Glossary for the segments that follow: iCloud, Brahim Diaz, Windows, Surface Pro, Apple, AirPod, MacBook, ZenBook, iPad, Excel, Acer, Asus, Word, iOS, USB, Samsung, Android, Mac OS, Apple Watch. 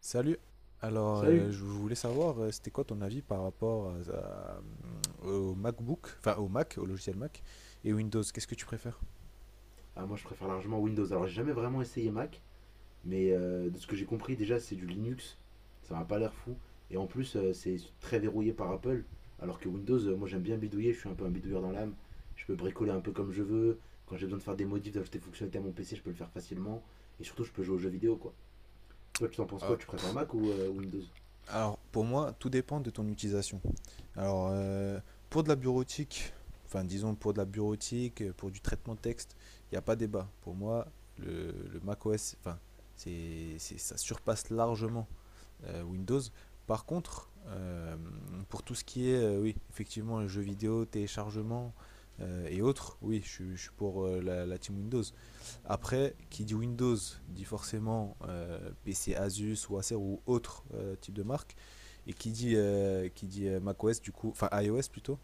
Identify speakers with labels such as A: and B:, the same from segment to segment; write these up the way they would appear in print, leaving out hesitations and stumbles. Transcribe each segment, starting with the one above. A: Salut. Alors,
B: Salut.
A: je voulais savoir, c'était quoi ton avis par rapport au MacBook, enfin au Mac, au logiciel Mac et Windows. Qu'est-ce que tu préfères?
B: Ah, moi je préfère largement Windows. Alors j'ai jamais vraiment essayé Mac, mais de ce que j'ai compris, déjà c'est du Linux, ça m'a pas l'air fou. Et en plus, c'est très verrouillé par Apple, alors que Windows, moi j'aime bien bidouiller, je suis un peu un bidouilleur dans l'âme. Je peux bricoler un peu comme je veux. Quand j'ai besoin de faire des modifs, d'ajouter des fonctionnalités à mon PC, je peux le faire facilement. Et surtout, je peux jouer aux jeux vidéo quoi. Toi, tu t'en penses
A: Euh,
B: quoi? Tu préfères Mac ou Windows?
A: alors, pour moi, tout dépend de ton utilisation. Alors, pour de la bureautique, enfin disons pour de la bureautique, pour du traitement de texte, il n'y a pas débat. Pour moi, le Mac OS, enfin, ça surpasse largement Windows. Par contre, pour tout ce qui est, oui, effectivement, jeux vidéo, téléchargement et autres, oui, je suis pour la team Windows. Après, qui dit Windows dit forcément PC Asus ou Acer ou autre type de marque. Et qui dit macOS, du coup, enfin iOS plutôt,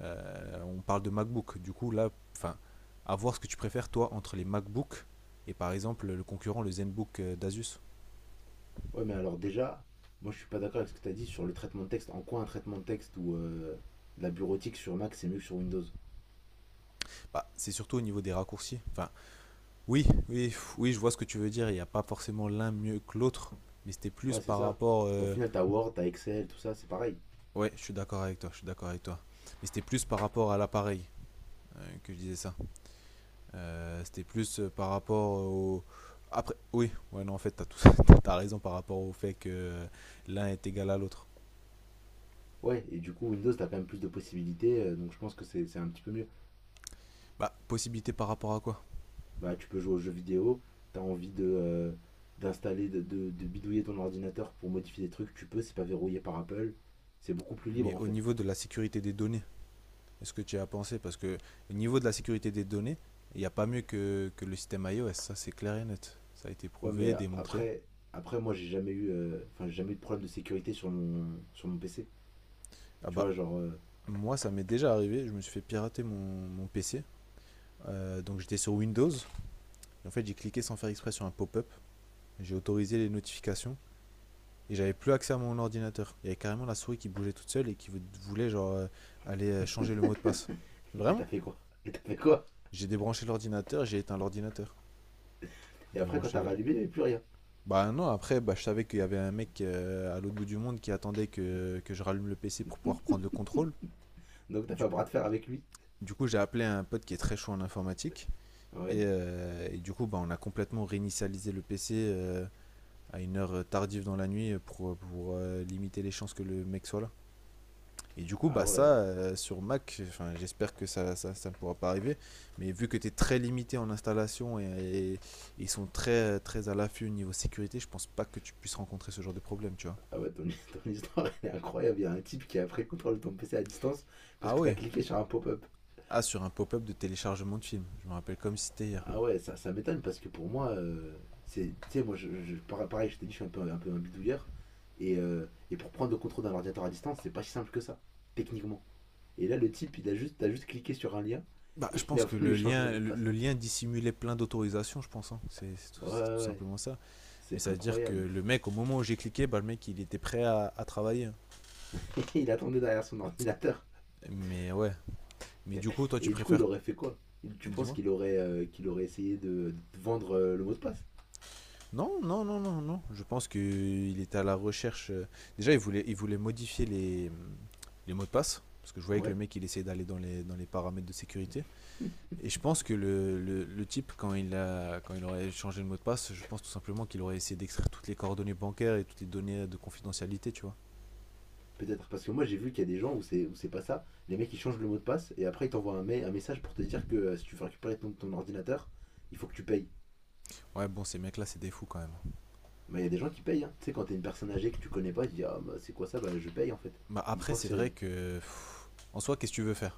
A: on parle de MacBook. Du coup, là, enfin, à voir ce que tu préfères, toi, entre les MacBooks et par exemple le concurrent, le ZenBook d'Asus.
B: Ouais, mais alors déjà, moi je suis pas d'accord avec ce que tu as dit sur le traitement de texte. En quoi un traitement de texte ou de la bureautique sur Mac c'est mieux que sur Windows?
A: Bah, c'est surtout au niveau des raccourcis. Enfin, oui, oui, oui, je vois ce que tu veux dire. Il n'y a pas forcément l'un mieux que l'autre, mais c'était plus
B: Ouais, c'est
A: par
B: ça.
A: rapport.
B: Au final, t'as Word, t'as Excel, tout ça, c'est pareil.
A: Ouais, je suis d'accord avec toi, je suis d'accord avec toi. Mais c'était plus par rapport à l'appareil que je disais ça. C'était plus par rapport au. Après, oui, ouais, non, en fait, t'as tout... raison par rapport au fait que l'un est égal à l'autre.
B: Ouais, et du coup, Windows, t'as quand même plus de possibilités, donc je pense que c'est un petit peu mieux.
A: Bah, possibilité par rapport à quoi?
B: Bah, tu peux jouer aux jeux vidéo, t'as envie de d'installer, de bidouiller ton ordinateur pour modifier des trucs, tu peux, c'est pas verrouillé par Apple, c'est beaucoup plus
A: Mais
B: libre en
A: au
B: fait.
A: niveau de la sécurité des données, est-ce que tu y as pensé? Parce que au niveau de la sécurité des données, il n'y a pas mieux que le système iOS, ça c'est clair et net. Ça a été
B: Ouais, mais
A: prouvé, démontré.
B: après, après moi, j'ai jamais eu, j'ai jamais eu de problème de sécurité sur mon PC.
A: Ah
B: Tu
A: bah,
B: vois, genre,
A: moi ça m'est déjà arrivé, je me suis fait pirater mon PC. Donc j'étais sur Windows. Et en fait, j'ai cliqué sans faire exprès sur un pop-up. J'ai autorisé les notifications. Et j'avais plus accès à mon ordinateur. Il y avait carrément la souris qui bougeait toute seule et qui voulait genre aller changer le mot de passe.
B: et t'as
A: Vraiment.
B: fait quoi? Et t'as fait quoi?
A: J'ai débranché l'ordinateur, j'ai éteint l'ordinateur.
B: Et après, quand t'as
A: Débranché.
B: rallumé, il n'y avait plus rien.
A: Bah non, après, bah, je savais qu'il y avait un mec à l'autre bout du monde qui attendait que je rallume le PC pour pouvoir prendre le contrôle.
B: Donc, t'as fait
A: Du,
B: un bras de fer avec lui.
A: du coup, j'ai appelé un pote qui est très chaud en informatique.
B: Ouais.
A: Et du coup, bah, on a complètement réinitialisé le PC à une heure tardive dans la nuit pour limiter les chances que le mec soit là. Et du coup,
B: Ah
A: bah ça,
B: ouais.
A: sur Mac, enfin, j'espère que ça ne pourra pas arriver. Mais vu que tu es très limité en installation et, ils sont très, très à l'affût au niveau sécurité, je pense pas que tu puisses rencontrer ce genre de problème, tu vois.
B: Ah ouais, ton, ton histoire, elle est incroyable. Il y a un type qui a pris le contrôle de ton PC à distance parce
A: Ah
B: que t'as
A: oui.
B: cliqué sur un pop-up.
A: Ah, sur un pop-up de téléchargement de film. Je me rappelle comme si c'était hier.
B: Ah ouais, ça m'étonne parce que pour moi, c'est, tu sais, moi, pareil, je t'ai dit, je suis un peu peu un bidouilleur. Et pour prendre le contrôle d'un ordinateur à distance, c'est pas si simple que ça, techniquement. Et là, le type, t'as juste cliqué sur un lien.
A: Bah,
B: Et
A: je
B: il
A: pense
B: a
A: que
B: voulu
A: le
B: changer le
A: lien,
B: mot de
A: le,
B: passe.
A: le lien dissimulait plein d'autorisations, je pense, hein.
B: Ouais,
A: C'est
B: ouais,
A: tout
B: ouais,
A: simplement ça. Mais
B: c'est
A: ça veut dire que
B: incroyable.
A: le mec, au moment où j'ai cliqué, bah, le mec, il était prêt à travailler.
B: Il attendait derrière son ordinateur.
A: Mais ouais. Mais
B: Et,
A: du coup, toi, tu
B: et du coup, il
A: préfères.
B: aurait fait quoi? Tu penses
A: Dis-moi.
B: qu'il aurait essayé de te vendre le mot de passe?
A: Non, non, non, non, non. Je pense qu'il était à la recherche. Déjà, il voulait modifier les mots de passe. Parce que je
B: Ah
A: voyais que le
B: ouais.
A: mec, il essayait d'aller dans les paramètres de sécurité. Et je pense que le type, quand il aurait changé le mot de passe, je pense tout simplement qu'il aurait essayé d'extraire toutes les coordonnées bancaires et toutes les données de confidentialité, tu vois.
B: Peut-être. Parce que moi, j'ai vu qu'il y a des gens où c'est pas ça. Les mecs, ils changent le mot de passe et après, ils t'envoient un, un message pour te dire que si tu veux récupérer ton, ton ordinateur, il faut que tu payes.
A: Ouais, bon, ces mecs-là, c'est des fous quand même.
B: Bah, il y a des gens qui payent, hein. Tu sais, quand t'es une personne âgée que tu connais pas, tu dis: ah, bah, c'est quoi ça? Bah, je paye en fait.
A: Bah,
B: Ils
A: après,
B: pensent que
A: c'est vrai
B: c'est.
A: que. En soi, qu'est-ce que tu veux faire?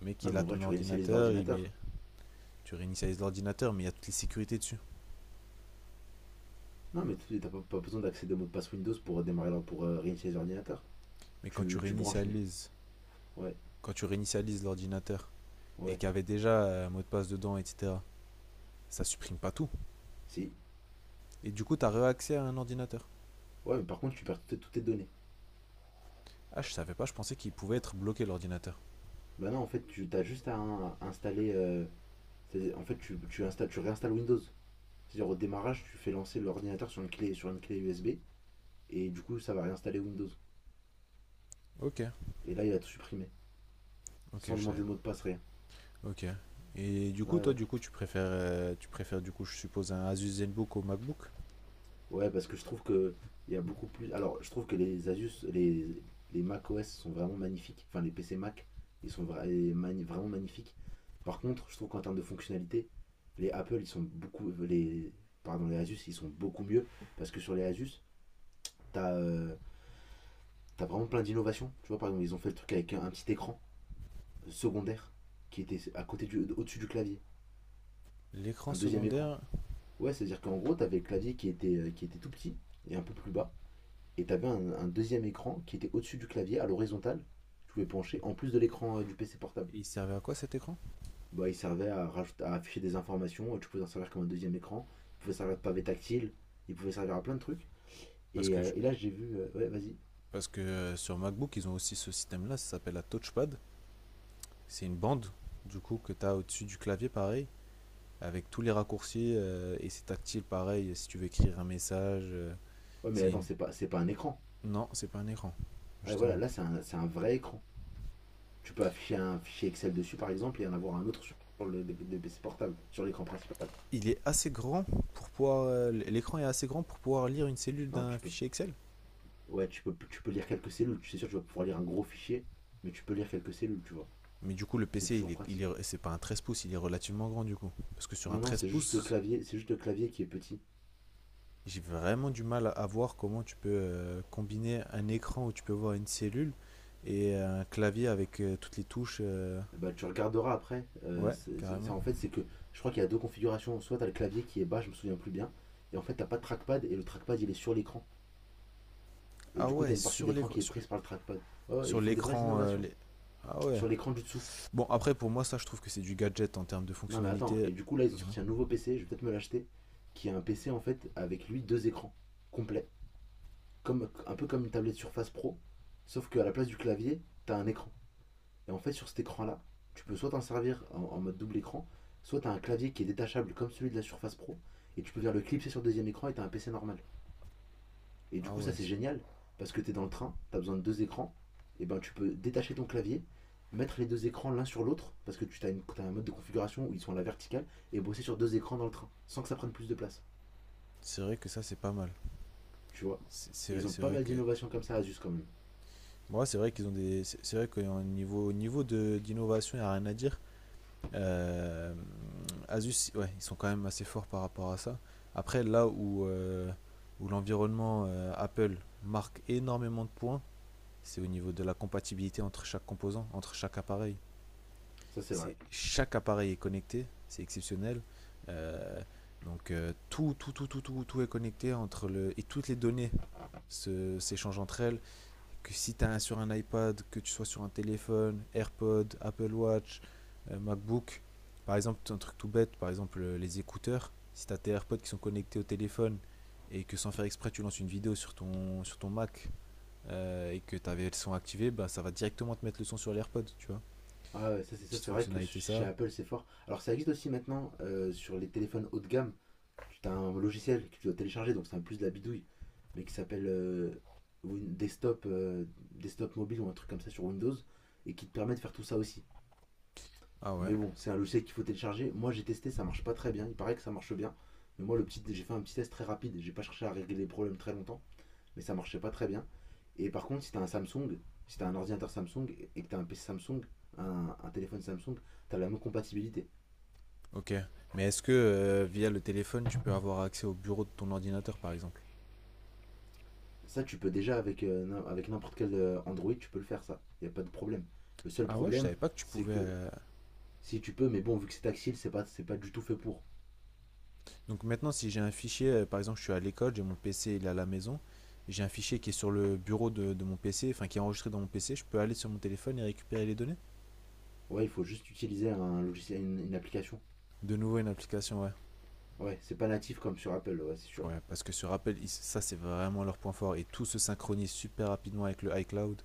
A: Le mec,
B: Non,
A: il
B: mais
A: a
B: en vrai,
A: ton
B: tu réinitialises
A: ordinateur, il met...
B: l'ordinateur.
A: tu réinitialises l'ordinateur, mais il y a toutes les sécurités dessus.
B: Non, mais t'as pas, pas besoin d'accéder au mot de passe Windows pour démarrer pour réinitialiser l'ordinateur.
A: Mais quand tu
B: Tu branches une.
A: réinitialises,
B: Ouais,
A: quand tu réinitialises l'ordinateur et
B: ouais,
A: qu'il y avait déjà un mot de passe dedans, etc., ça supprime pas tout.
B: si.
A: Et du coup, tu as réaccès à un ordinateur.
B: Ouais, mais par contre, tu perds toutes, toutes tes données.
A: Ah, je savais pas, je pensais qu'il pouvait être bloqué l'ordinateur.
B: Bah, non, en fait, tu as juste à, à installer. En fait, tu installes, tu réinstalles Windows. C'est-à-dire au démarrage, tu fais lancer l'ordinateur sur une clé USB et du coup ça va réinstaller Windows.
A: Ok,
B: Et là il a tout supprimé
A: ok,
B: sans
A: je
B: demander
A: savais
B: de
A: pas.
B: mot de passe rien.
A: Ok. Et du
B: Ouais,
A: coup, toi,
B: ouais.
A: du coup, tu préfères, du coup, je suppose, un Asus ZenBook au MacBook.
B: Ouais, parce que je trouve que il y a beaucoup plus. Alors je trouve que les Asus, les Mac OS sont vraiment magnifiques. Enfin les PC Mac, ils sont vraiment magnifiques. Par contre, je trouve qu'en termes de fonctionnalité, les Apple ils sont beaucoup les pardon les Asus ils sont beaucoup mieux parce que sur les Asus t'as t'as vraiment plein d'innovations. Tu vois par exemple ils ont fait le truc avec un petit écran secondaire qui était à côté du, au-dessus du clavier,
A: L'écran
B: un deuxième écran.
A: secondaire,
B: Ouais, c'est-à-dire qu'en gros, t'avais le clavier qui était tout petit et un peu plus bas, et t'avais un deuxième écran qui était au-dessus du clavier, à l'horizontale. Tu pouvais pencher en plus de l'écran du PC portable.
A: il servait à quoi cet écran?
B: Bah, il servait à afficher des informations, tu pouvais en servir comme un deuxième écran, il pouvait servir de pavé tactile, il pouvait servir à plein de trucs.
A: Parce que, je-
B: Et là, j'ai vu, ouais, vas-y.
A: parce que sur MacBook, ils ont aussi ce système-là, ça s'appelle la touchpad. C'est une bande, du coup, que tu as au-dessus du clavier, pareil, avec tous les raccourcis, et c'est tactile, pareil, si tu veux écrire un message.
B: Ouais, mais
A: C'est
B: attends,
A: une-
B: c'est pas un écran.
A: Non, c'est pas un écran,
B: Ouais, voilà,
A: justement.
B: là, c'est un vrai écran. Tu peux afficher un fichier Excel dessus, par exemple, et en avoir un autre sur le, le PC portable, sur l'écran principal.
A: Il est assez grand pour pouvoir... L'écran est assez grand pour pouvoir lire une cellule
B: Non,
A: d'un
B: tu peux,
A: fichier Excel.
B: ouais, tu peux lire quelques cellules. Tu sais sûr, tu vas pouvoir lire un gros fichier, mais tu peux lire quelques cellules, tu vois.
A: Mais du coup, le
B: C'est
A: PC,
B: toujours pratique.
A: c'est pas un 13 pouces, il est relativement grand, du coup. Parce que sur un
B: Non, non,
A: 13
B: c'est juste le
A: pouces,
B: clavier, c'est juste le clavier qui est petit.
A: j'ai vraiment du mal à voir comment tu peux combiner un écran où tu peux voir une cellule et un clavier avec toutes les touches.
B: Bah, tu regarderas après.
A: Ouais, carrément.
B: En fait, c'est que je crois qu'il y a deux configurations. Soit t'as le clavier qui est bas, je me souviens plus bien, et en fait t'as pas de trackpad et le trackpad il est sur l'écran. Et
A: Ah
B: du coup
A: ouais,
B: t'as une partie de
A: sur
B: l'écran
A: l'écran.
B: qui est
A: Sur,
B: prise par le trackpad. Ouais, ouais, ils
A: sur
B: font des vraies
A: l'écran.
B: innovations
A: Ah ouais.
B: sur l'écran du dessous.
A: Bon, après, pour moi, ça, je trouve que c'est du gadget en termes de
B: Non mais attends,
A: fonctionnalité.
B: et du coup là ils ont
A: Dis-moi.
B: sorti un nouveau PC, je vais peut-être me l'acheter, qui est un PC en fait avec lui deux écrans complets, comme, un peu comme une tablette Surface Pro, sauf qu'à la place du clavier, t'as un écran. Et en fait sur cet écran là, tu peux soit t'en servir en, en mode double écran, soit t'as un clavier qui est détachable comme celui de la Surface Pro, et tu peux venir le clipser sur le deuxième écran et t'as un PC normal. Et du
A: Ah
B: coup, ça
A: ouais,
B: c'est génial parce que tu es dans le train, tu as besoin de deux écrans, et ben tu peux détacher ton clavier, mettre les deux écrans l'un sur l'autre parce que tu as, as un mode de configuration où ils sont à la verticale et bosser sur deux écrans dans le train sans que ça prenne plus de place,
A: vrai que ça, c'est pas mal.
B: tu vois. Et ils ont
A: C'est-
B: pas
A: Vrai
B: mal
A: que.
B: d'innovations comme ça, Asus quand même.
A: Moi, c'est vrai qu'ils ont des. C'est vrai qu'au niveau, d'innovation, il n'y a rien à dire. Euh, Asus, ouais, ils sont quand même assez forts par rapport à ça. Après, là où l'environnement Apple marque énormément de points, c'est au niveau de la compatibilité entre chaque composant, entre chaque appareil.
B: Ça c'est vrai.
A: C'est chaque appareil est connecté, c'est exceptionnel. Euh, donc tout est connecté entre le et toutes les données s'échangent entre elles. Que si tu as sur un iPad, que tu sois sur un téléphone, AirPod, Apple Watch, MacBook, par exemple un truc tout bête, par exemple les écouteurs. Si tu as tes AirPods qui sont connectés au téléphone et que sans faire exprès tu lances une vidéo sur ton Mac et que tu avais le son activé, bah, ça va directement te mettre le son sur l'AirPod, tu vois.
B: Ah ouais, ça
A: Petite
B: c'est vrai que
A: fonctionnalité
B: chez
A: ça.
B: Apple c'est fort. Alors ça existe aussi maintenant sur les téléphones haut de gamme tu as un logiciel que tu dois télécharger, donc c'est un plus de la bidouille, mais qui s'appelle Desktop, Desktop Mobile ou un truc comme ça sur Windows, et qui te permet de faire tout ça aussi.
A: Ah ouais.
B: Mais bon, c'est un logiciel qu'il faut télécharger. Moi j'ai testé, ça marche pas très bien. Il paraît que ça marche bien. Mais moi le petit, j'ai fait un petit test très rapide. J'ai pas cherché à régler les problèmes très longtemps, mais ça marchait pas très bien. Et par contre, si t'as un Samsung, si t'as un ordinateur Samsung et que t'as un PC Samsung, un téléphone Samsung, t'as la même compatibilité.
A: Ok. Mais est-ce que via le téléphone, tu peux avoir accès au bureau de ton ordinateur, par exemple?
B: Ça, tu peux déjà avec, avec n'importe quel Android, tu peux le faire, ça. Il n'y a pas de problème. Le seul
A: Ah ouais, je savais
B: problème,
A: pas que tu
B: c'est
A: pouvais.
B: que si tu peux, mais bon, vu que c'est tactile, c'est pas du tout fait pour.
A: Donc maintenant, si j'ai un fichier, par exemple, je suis à l'école, j'ai mon PC, il est à la maison, et j'ai un fichier qui est sur le bureau de mon PC, enfin qui est enregistré dans mon PC, je peux aller sur mon téléphone et récupérer les données?
B: Ouais, il faut juste utiliser un logiciel, une application.
A: De nouveau, une application, ouais.
B: Ouais, c'est pas natif comme sur Apple, ouais, c'est sûr.
A: Ouais, parce que ce rappel, ça, c'est vraiment leur point fort, et tout se synchronise super rapidement avec le iCloud.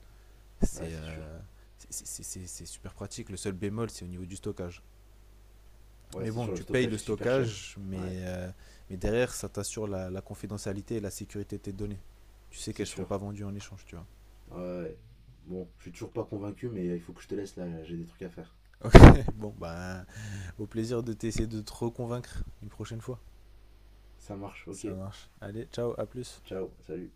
B: Ouais,
A: C'est
B: c'est sûr.
A: euh, c'est super pratique. Le seul bémol, c'est au niveau du stockage.
B: Ouais,
A: Mais
B: c'est
A: bon,
B: sûr, le
A: tu payes
B: stockage
A: le
B: est super cher.
A: stockage, mais,
B: Ouais,
A: euh, mais derrière, ça t'assure la confidentialité et la sécurité de tes données. Tu sais
B: c'est
A: qu'elles seront
B: sûr.
A: pas vendues en échange, tu vois.
B: Ouais. Bon, je suis toujours pas convaincu, mais il faut que je te laisse là, j'ai des trucs à faire.
A: Ok, bon, ben, au plaisir de t'essayer de te reconvaincre une prochaine fois.
B: Ça marche,
A: Ça
B: ok.
A: marche. Allez, ciao, à plus.
B: Ciao, salut.